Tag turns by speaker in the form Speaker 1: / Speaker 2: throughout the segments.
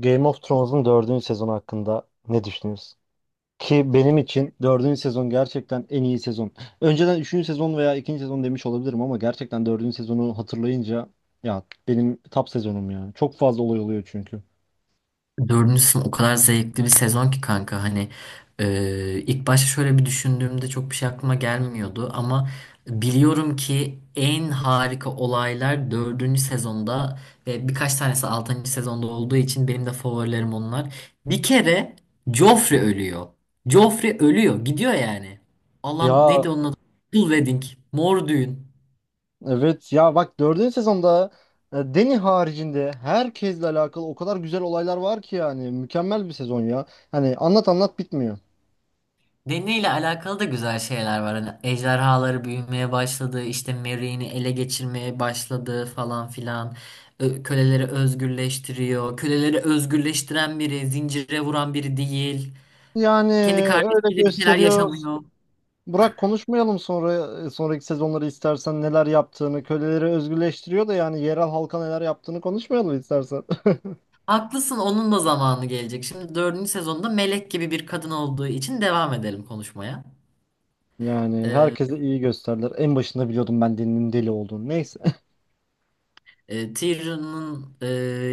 Speaker 1: Game of Thrones'un dördüncü sezonu hakkında ne düşünüyorsun? Ki benim için dördüncü sezon gerçekten en iyi sezon. Önceden üçüncü sezon veya ikinci sezon demiş olabilirim ama gerçekten dördüncü sezonu hatırlayınca ya benim top sezonum ya. Çok fazla olay oluyor çünkü.
Speaker 2: Dördüncü sınıf o kadar zevkli bir sezon ki kanka hani ilk başta şöyle bir düşündüğümde çok bir şey aklıma gelmiyordu ama biliyorum ki en harika olaylar dördüncü sezonda ve birkaç tanesi altıncı sezonda olduğu için benim de favorilerim onlar. Bir kere Joffrey ölüyor. Joffrey ölüyor gidiyor yani. Allah'ım
Speaker 1: Ya,
Speaker 2: neydi onun adı? Full Wedding. Mor düğün.
Speaker 1: evet ya, bak dördüncü sezonda Dany haricinde herkesle alakalı o kadar güzel olaylar var ki yani mükemmel bir sezon ya. Hani anlat anlat bitmiyor.
Speaker 2: Deniyle alakalı da güzel şeyler var. Hani ejderhaları büyümeye başladı, işte Merry'ini ele geçirmeye başladı falan filan. Köleleri özgürleştiriyor. Köleleri özgürleştiren biri, zincire vuran biri değil.
Speaker 1: Yani
Speaker 2: Kendi
Speaker 1: öyle
Speaker 2: kardeşiyle bir şeyler
Speaker 1: gösteriyor.
Speaker 2: yaşamıyor.
Speaker 1: Burak konuşmayalım sonra, sonraki sezonları istersen neler yaptığını, köleleri özgürleştiriyor da yani yerel halka neler yaptığını konuşmayalım istersen.
Speaker 2: Haklısın, onun da zamanı gelecek. Şimdi dördüncü sezonda melek gibi bir kadın olduğu için devam edelim konuşmaya.
Speaker 1: Yani herkese iyi gösterdiler. En başında biliyordum ben Deni'nin deli olduğunu. Neyse.
Speaker 2: Tyrion'un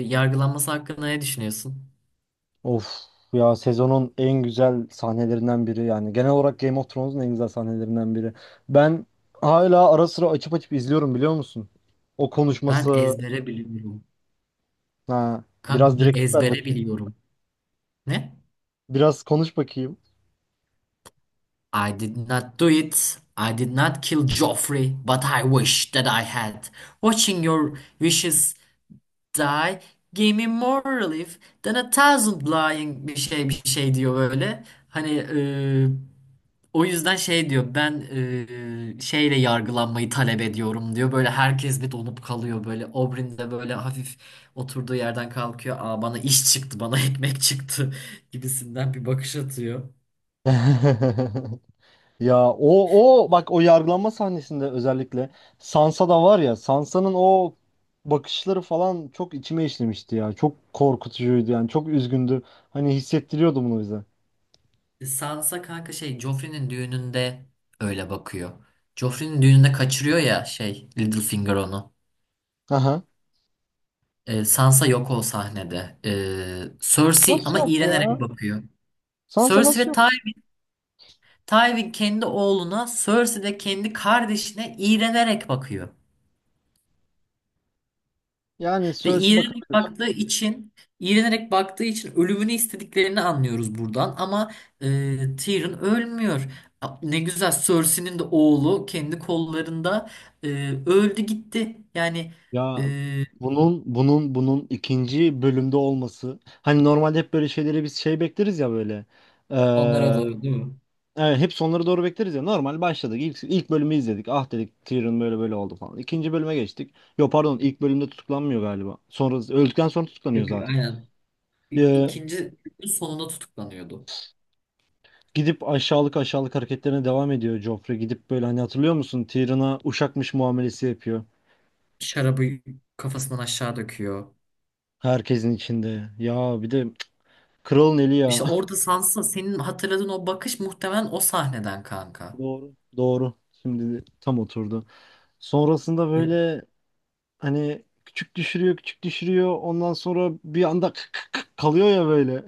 Speaker 2: yargılanması hakkında ne düşünüyorsun?
Speaker 1: Of, ya sezonun en güzel sahnelerinden biri yani genel olarak Game of Thrones'un en güzel sahnelerinden biri. Ben hala ara sıra açıp açıp izliyorum, biliyor musun? O
Speaker 2: Ben
Speaker 1: konuşması,
Speaker 2: ezbere biliyorum.
Speaker 1: ha
Speaker 2: Kanka
Speaker 1: biraz
Speaker 2: ben
Speaker 1: direktif ver
Speaker 2: ezbere
Speaker 1: bakayım.
Speaker 2: biliyorum. Ne?
Speaker 1: Biraz konuş bakayım.
Speaker 2: I did not do it. I did not kill Joffrey, but I wish that I had. Watching your wishes die gave me more relief than a thousand lying bir şey bir şey diyor böyle. Hani e, o yüzden şey diyor ben şeyle yargılanmayı talep ediyorum diyor. Böyle herkes bir donup kalıyor böyle. Oberyn de böyle hafif oturduğu yerden kalkıyor. Aa bana iş çıktı bana ekmek çıktı gibisinden bir bakış atıyor.
Speaker 1: Ya o, o bak o yargılanma sahnesinde özellikle Sansa da var ya, Sansa'nın o bakışları falan çok içime işlemişti ya. Çok korkutucuydu yani çok üzgündü. Hani hissettiriyordu bunu bize.
Speaker 2: Sansa kanka şey Joffrey'nin düğününde öyle bakıyor. Joffrey'nin düğününde kaçırıyor ya şey Littlefinger onu.
Speaker 1: Aha.
Speaker 2: Sansa yok o sahnede. Cersei
Speaker 1: Nasıl
Speaker 2: ama
Speaker 1: yok
Speaker 2: iğrenerek
Speaker 1: ya?
Speaker 2: bakıyor.
Speaker 1: Sansa
Speaker 2: Cersei
Speaker 1: nasıl
Speaker 2: ve Ty
Speaker 1: yok?
Speaker 2: Tywin kendi oğluna, Cersei de kendi kardeşine iğrenerek bakıyor.
Speaker 1: Yani
Speaker 2: Ve
Speaker 1: Cersei
Speaker 2: iğrenerek
Speaker 1: bakabilir.
Speaker 2: baktığı için ölümünü istediklerini anlıyoruz buradan ama Tyrion ölmüyor. Ne güzel Cersei'nin de oğlu kendi kollarında e, öldü gitti. Yani e,
Speaker 1: Ya bunun ikinci bölümde olması. Hani normalde hep böyle şeyleri biz şey bekleriz ya böyle.
Speaker 2: onlara doğru değil mi?
Speaker 1: Evet, hep sonları doğru bekleriz ya. Normal başladık. İlk bölümü izledik. Ah dedik Tyrion böyle böyle oldu falan. İkinci bölüme geçtik. Yo pardon ilk bölümde tutuklanmıyor galiba. Sonra öldükten sonra tutuklanıyor
Speaker 2: Yok yok
Speaker 1: zaten.
Speaker 2: aynen.
Speaker 1: Ee,
Speaker 2: İkinci sonunda tutuklanıyordu.
Speaker 1: gidip aşağılık aşağılık hareketlerine devam ediyor Joffrey. Gidip böyle hani hatırlıyor musun? Tyrion'a uşakmış muamelesi yapıyor.
Speaker 2: Şarabı kafasından aşağı döküyor.
Speaker 1: Herkesin içinde. Ya bir de cık, kralın eli
Speaker 2: İşte
Speaker 1: ya.
Speaker 2: orada Sansa senin hatırladığın o bakış muhtemelen o sahneden kanka.
Speaker 1: Doğru. Doğru. Şimdi de tam oturdu. Sonrasında böyle hani küçük düşürüyor küçük düşürüyor. Ondan sonra bir anda kalıyor ya böyle.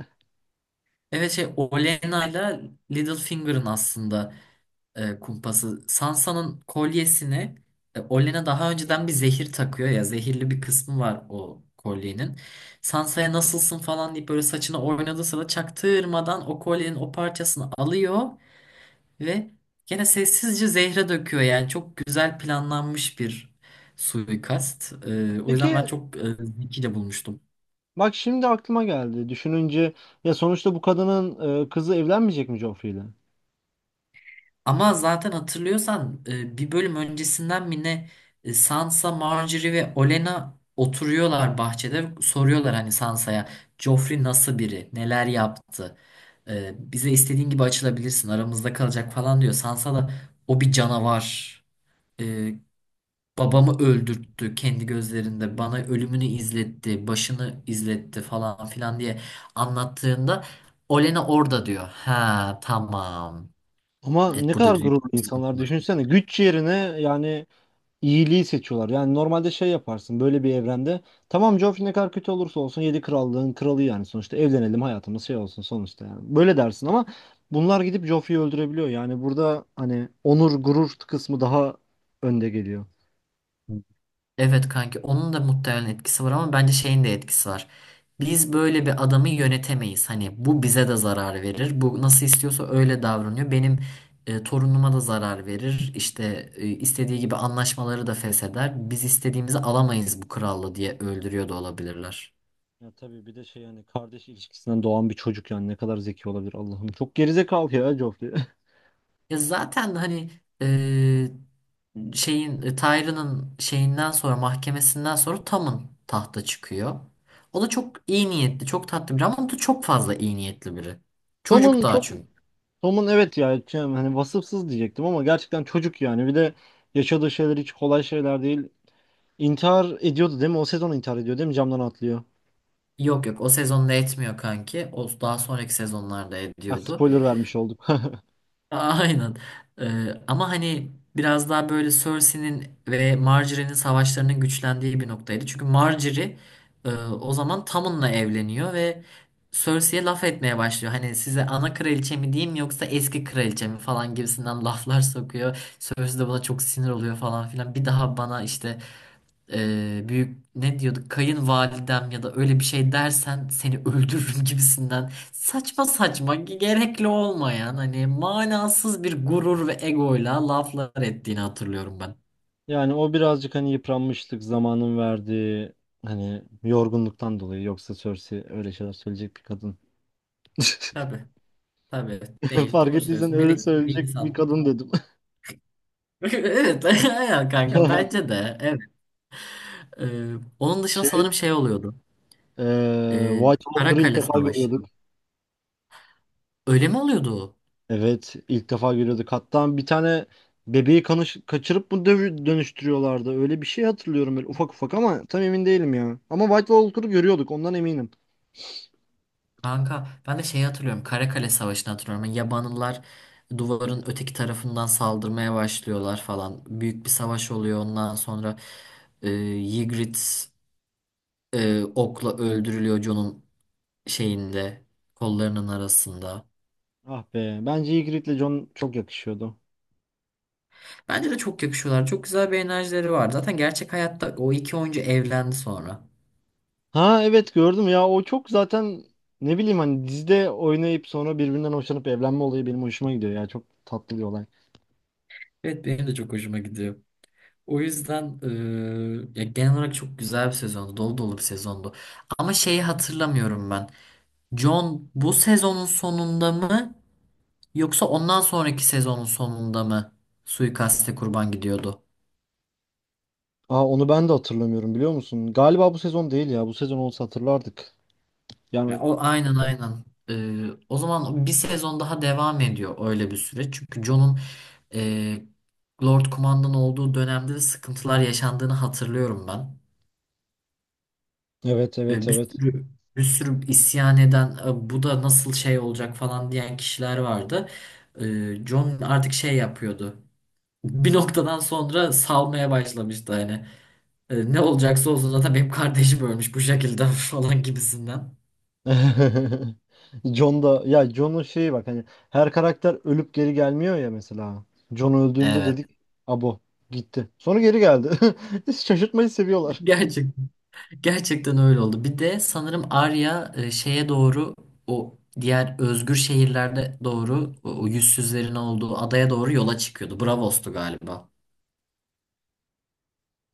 Speaker 2: Evet şey Olena'yla ile Littlefinger'ın aslında kumpası. Sansa'nın kolyesini Olen'a daha önceden bir zehir takıyor ya zehirli bir kısmı var o kolyenin. Sansa'ya nasılsın falan deyip böyle saçını oynadığı sırada çaktırmadan o kolyenin o parçasını alıyor ve gene sessizce zehre döküyor yani çok güzel planlanmış bir suikast. E, o yüzden ben
Speaker 1: Peki
Speaker 2: çok zekice bulmuştum.
Speaker 1: bak şimdi aklıma geldi. Düşününce ya sonuçta bu kadının kızı evlenmeyecek mi Joffrey ile?
Speaker 2: Ama zaten hatırlıyorsan bir bölüm öncesinden mi ne Sansa, Margaery ve Olen'a oturuyorlar bahçede soruyorlar hani Sansa'ya Joffrey nasıl biri, neler yaptı, e, bize istediğin gibi açılabilirsin, aramızda kalacak falan diyor. Sansa da o bir canavar, e, babamı öldürttü kendi gözlerinde, bana ölümünü izletti, başını izletti falan filan diye anlattığında Olen'a orada diyor. Ha tamam.
Speaker 1: Ama ne
Speaker 2: Evet
Speaker 1: kadar
Speaker 2: burada büyük
Speaker 1: gururlu
Speaker 2: bir
Speaker 1: insanlar
Speaker 2: sıkıntı var.
Speaker 1: düşünsene. Güç yerine yani iyiliği seçiyorlar. Yani normalde şey yaparsın böyle bir evrende. Tamam Joffrey ne kadar kötü olursa olsun yedi krallığın kralı yani sonuçta evlenelim hayatımız şey olsun sonuçta yani. Böyle dersin ama bunlar gidip Joffrey'i öldürebiliyor. Yani burada hani onur gurur kısmı daha önde geliyor.
Speaker 2: Evet kanki onun da muhtemelen etkisi var ama bence şeyin de etkisi var. Biz böyle bir adamı yönetemeyiz. Hani bu bize de zarar verir. Bu nasıl istiyorsa öyle davranıyor. Benim torunuma da zarar verir. İşte istediği gibi anlaşmaları da fesheder. Biz istediğimizi alamayız bu kralla diye öldürüyor da olabilirler.
Speaker 1: Ya tabii bir de şey yani kardeş ilişkisinden doğan bir çocuk yani ne kadar zeki olabilir Allah'ım. Çok gerizekalı ya Joffrey.
Speaker 2: Ya zaten hani e, şeyin Tyrion'un şeyinden sonra mahkemesinden sonra Tom'un tahta çıkıyor. O da çok iyi niyetli, çok tatlı biri ama o da çok fazla iyi niyetli biri. Çocuk
Speaker 1: Tom'un
Speaker 2: daha
Speaker 1: çok
Speaker 2: çünkü.
Speaker 1: Tom'un evet ya şey, hani vasıfsız diyecektim ama gerçekten çocuk yani. Bir de yaşadığı şeyler hiç kolay şeyler değil. İntihar ediyordu değil mi? O sezon intihar ediyor değil mi? Camdan atlıyor. Ha,
Speaker 2: Yok yok o sezonda etmiyor kanki. O daha sonraki sezonlarda
Speaker 1: evet
Speaker 2: ediyordu.
Speaker 1: spoiler evet. Vermiş olduk.
Speaker 2: Aynen. Ama hani biraz daha böyle Cersei'nin ve Marjorie'nin savaşlarının güçlendiği bir noktaydı. Çünkü Marjorie o zaman Tommen'la evleniyor ve Cersei'ye laf etmeye başlıyor. Hani size ana kraliçe mi diyeyim yoksa eski kraliçe mi falan gibisinden laflar sokuyor. Cersei de buna çok sinir oluyor falan filan. Bir daha bana işte büyük ne diyorduk kayınvalidem ya da öyle bir şey dersen seni öldürürüm gibisinden saçma saçma gerekli olmayan hani manasız bir gurur ve egoyla laflar ettiğini hatırlıyorum ben.
Speaker 1: Yani o birazcık hani yıpranmışlık zamanın verdiği hani yorgunluktan dolayı, yoksa Cersei öyle şeyler söyleyecek bir kadın.
Speaker 2: Tabii tabii değil
Speaker 1: Fark
Speaker 2: doğru
Speaker 1: ettiysen
Speaker 2: söylüyorsun
Speaker 1: öyle
Speaker 2: melek gibi bir
Speaker 1: söyleyecek bir
Speaker 2: insan.
Speaker 1: kadın dedim.
Speaker 2: Evet ya kanka bence de evet. Onun dışında
Speaker 1: Şey,
Speaker 2: sanırım şey oluyordu.
Speaker 1: Ee,
Speaker 2: Ee,
Speaker 1: White Walker'ı ilk
Speaker 2: Karakale
Speaker 1: defa
Speaker 2: Savaşı.
Speaker 1: görüyorduk.
Speaker 2: Öyle mi oluyordu? O?
Speaker 1: Evet, ilk defa görüyorduk. Hatta bir tane bebeği kaçırıp mı dönüştürüyorlardı? Öyle bir şey hatırlıyorum böyle ufak ufak ama tam emin değilim ya. Ama White Walker'ı görüyorduk, ondan eminim.
Speaker 2: Kanka ben de şeyi hatırlıyorum Karakale Savaşı'nı hatırlıyorum. Yani Yabanlılar duvarın öteki tarafından saldırmaya başlıyorlar falan. Büyük bir savaş oluyor ondan sonra e, Ygritte okla öldürülüyor John'un şeyinde kollarının arasında.
Speaker 1: Ah be, bence Ygritte'le Jon çok yakışıyordu.
Speaker 2: Bence de çok yakışıyorlar. Çok güzel bir enerjileri var. Zaten gerçek hayatta o iki oyuncu evlendi sonra.
Speaker 1: Ha evet gördüm ya, o çok zaten ne bileyim hani dizide oynayıp sonra birbirinden hoşlanıp evlenme olayı benim hoşuma gidiyor ya, çok tatlı bir olay.
Speaker 2: Evet benim de çok hoşuma gidiyor. O yüzden ya genel olarak çok güzel bir sezondu. Dolu dolu bir sezondu. Ama şeyi hatırlamıyorum ben. John bu sezonun sonunda mı yoksa ondan sonraki sezonun sonunda mı suikaste kurban gidiyordu?
Speaker 1: Aa onu ben de hatırlamıyorum biliyor musun? Galiba bu sezon değil ya, bu sezon olsa hatırlardık.
Speaker 2: Ya,
Speaker 1: Yani
Speaker 2: o aynen aynen. O zaman bir sezon daha devam ediyor öyle bir süreç. Çünkü Jon'un e, Lord Kumandan olduğu dönemde de sıkıntılar yaşandığını hatırlıyorum ben.
Speaker 1: evet evet
Speaker 2: E,
Speaker 1: evet.
Speaker 2: bir sürü isyan eden "E, bu da nasıl şey olacak falan diyen kişiler vardı. E, Jon artık şey yapıyordu. Bir noktadan sonra salmaya başlamıştı hani. E, ne olacaksa olsun zaten benim kardeşim ölmüş bu şekilde falan gibisinden.
Speaker 1: John da ya, John'un şeyi bak hani her karakter ölüp geri gelmiyor ya mesela. John öldüğünde
Speaker 2: Evet.
Speaker 1: dedik abo gitti. Sonra geri geldi. Şaşırtmayı seviyorlar.
Speaker 2: Gerçek. Gerçekten öyle oldu. Bir de sanırım Arya şeye doğru o diğer özgür şehirlerde doğru o yüzsüzlerin olduğu adaya doğru yola çıkıyordu. Braavos'tu galiba.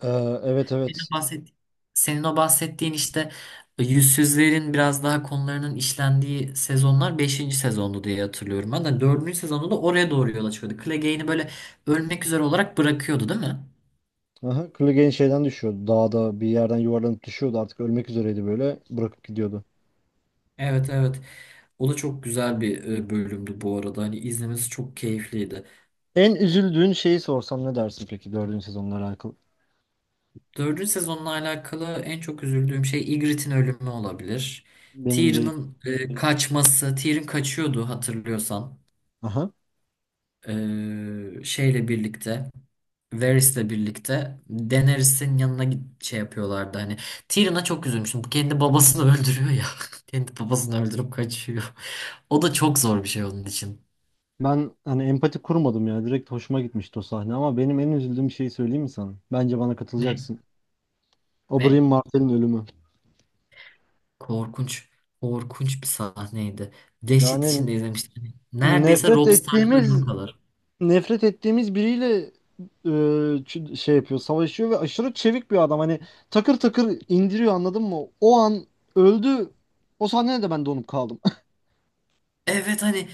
Speaker 1: Ee, evet
Speaker 2: Senin
Speaker 1: evet.
Speaker 2: o bahsettiğin, senin o bahsettiğin işte yüzsüzlerin biraz daha konularının işlendiği sezonlar beşinci sezondu diye hatırlıyorum. Ben de 4. sezonda da oraya doğru yola çıkıyordu. Clegane'i böyle ölmek üzere olarak bırakıyordu değil mi?
Speaker 1: Aha, Clegane şeyden düşüyordu. Dağda bir yerden yuvarlanıp düşüyordu. Artık ölmek üzereydi böyle. Bırakıp gidiyordu.
Speaker 2: Evet evet. O da çok güzel bir bölümdü bu arada. Hani izlemesi çok keyifliydi.
Speaker 1: En üzüldüğün şeyi sorsam ne dersin peki dördüncü sezonla alakalı?
Speaker 2: Dördüncü sezonla alakalı en çok üzüldüğüm şey Ygritte'in ölümü olabilir.
Speaker 1: Benim değil.
Speaker 2: Tyrion'un kaçması, Tyrion kaçıyordu hatırlıyorsan.
Speaker 1: Aha.
Speaker 2: E, şeyle birlikte, Varys'le birlikte Daenerys'in yanına git şey yapıyorlardı hani. Tyrion'a çok üzülmüştüm. Bu kendi babasını öldürüyor ya. Kendi babasını öldürüp kaçıyor. O da çok zor bir şey onun için.
Speaker 1: Ben hani empati kurmadım ya. Direkt hoşuma gitmişti o sahne, ama benim en üzüldüğüm şeyi söyleyeyim mi sana? Bence bana
Speaker 2: Ne?
Speaker 1: katılacaksın.
Speaker 2: Ne?
Speaker 1: Oberyn Martel'in ölümü.
Speaker 2: Korkunç. Korkunç bir sahneydi. Dehşet
Speaker 1: Yani
Speaker 2: içinde izlemiştim. Hani neredeyse
Speaker 1: nefret
Speaker 2: Robb Stark'ın ölümü
Speaker 1: ettiğimiz
Speaker 2: kadar.
Speaker 1: nefret ettiğimiz biriyle şey yapıyor, savaşıyor ve aşırı çevik bir adam. Hani takır takır indiriyor anladın mı? O an öldü. O sahnede de ben donup kaldım.
Speaker 2: Evet hani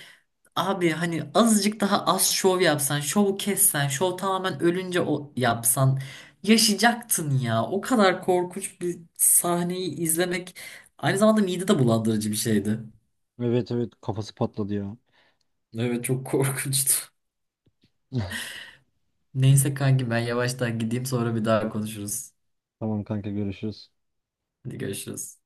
Speaker 2: abi hani azıcık daha az şov yapsan, şovu kessen, şov tamamen ölünce o yapsan yaşayacaktın ya. O kadar korkunç bir sahneyi izlemek aynı zamanda mide de bulandırıcı bir şeydi.
Speaker 1: Evet evet kafası patladı ya.
Speaker 2: Evet çok korkunçtu. Neyse kanki ben yavaştan gideyim sonra bir daha konuşuruz.
Speaker 1: Tamam kanka görüşürüz.
Speaker 2: Hadi görüşürüz.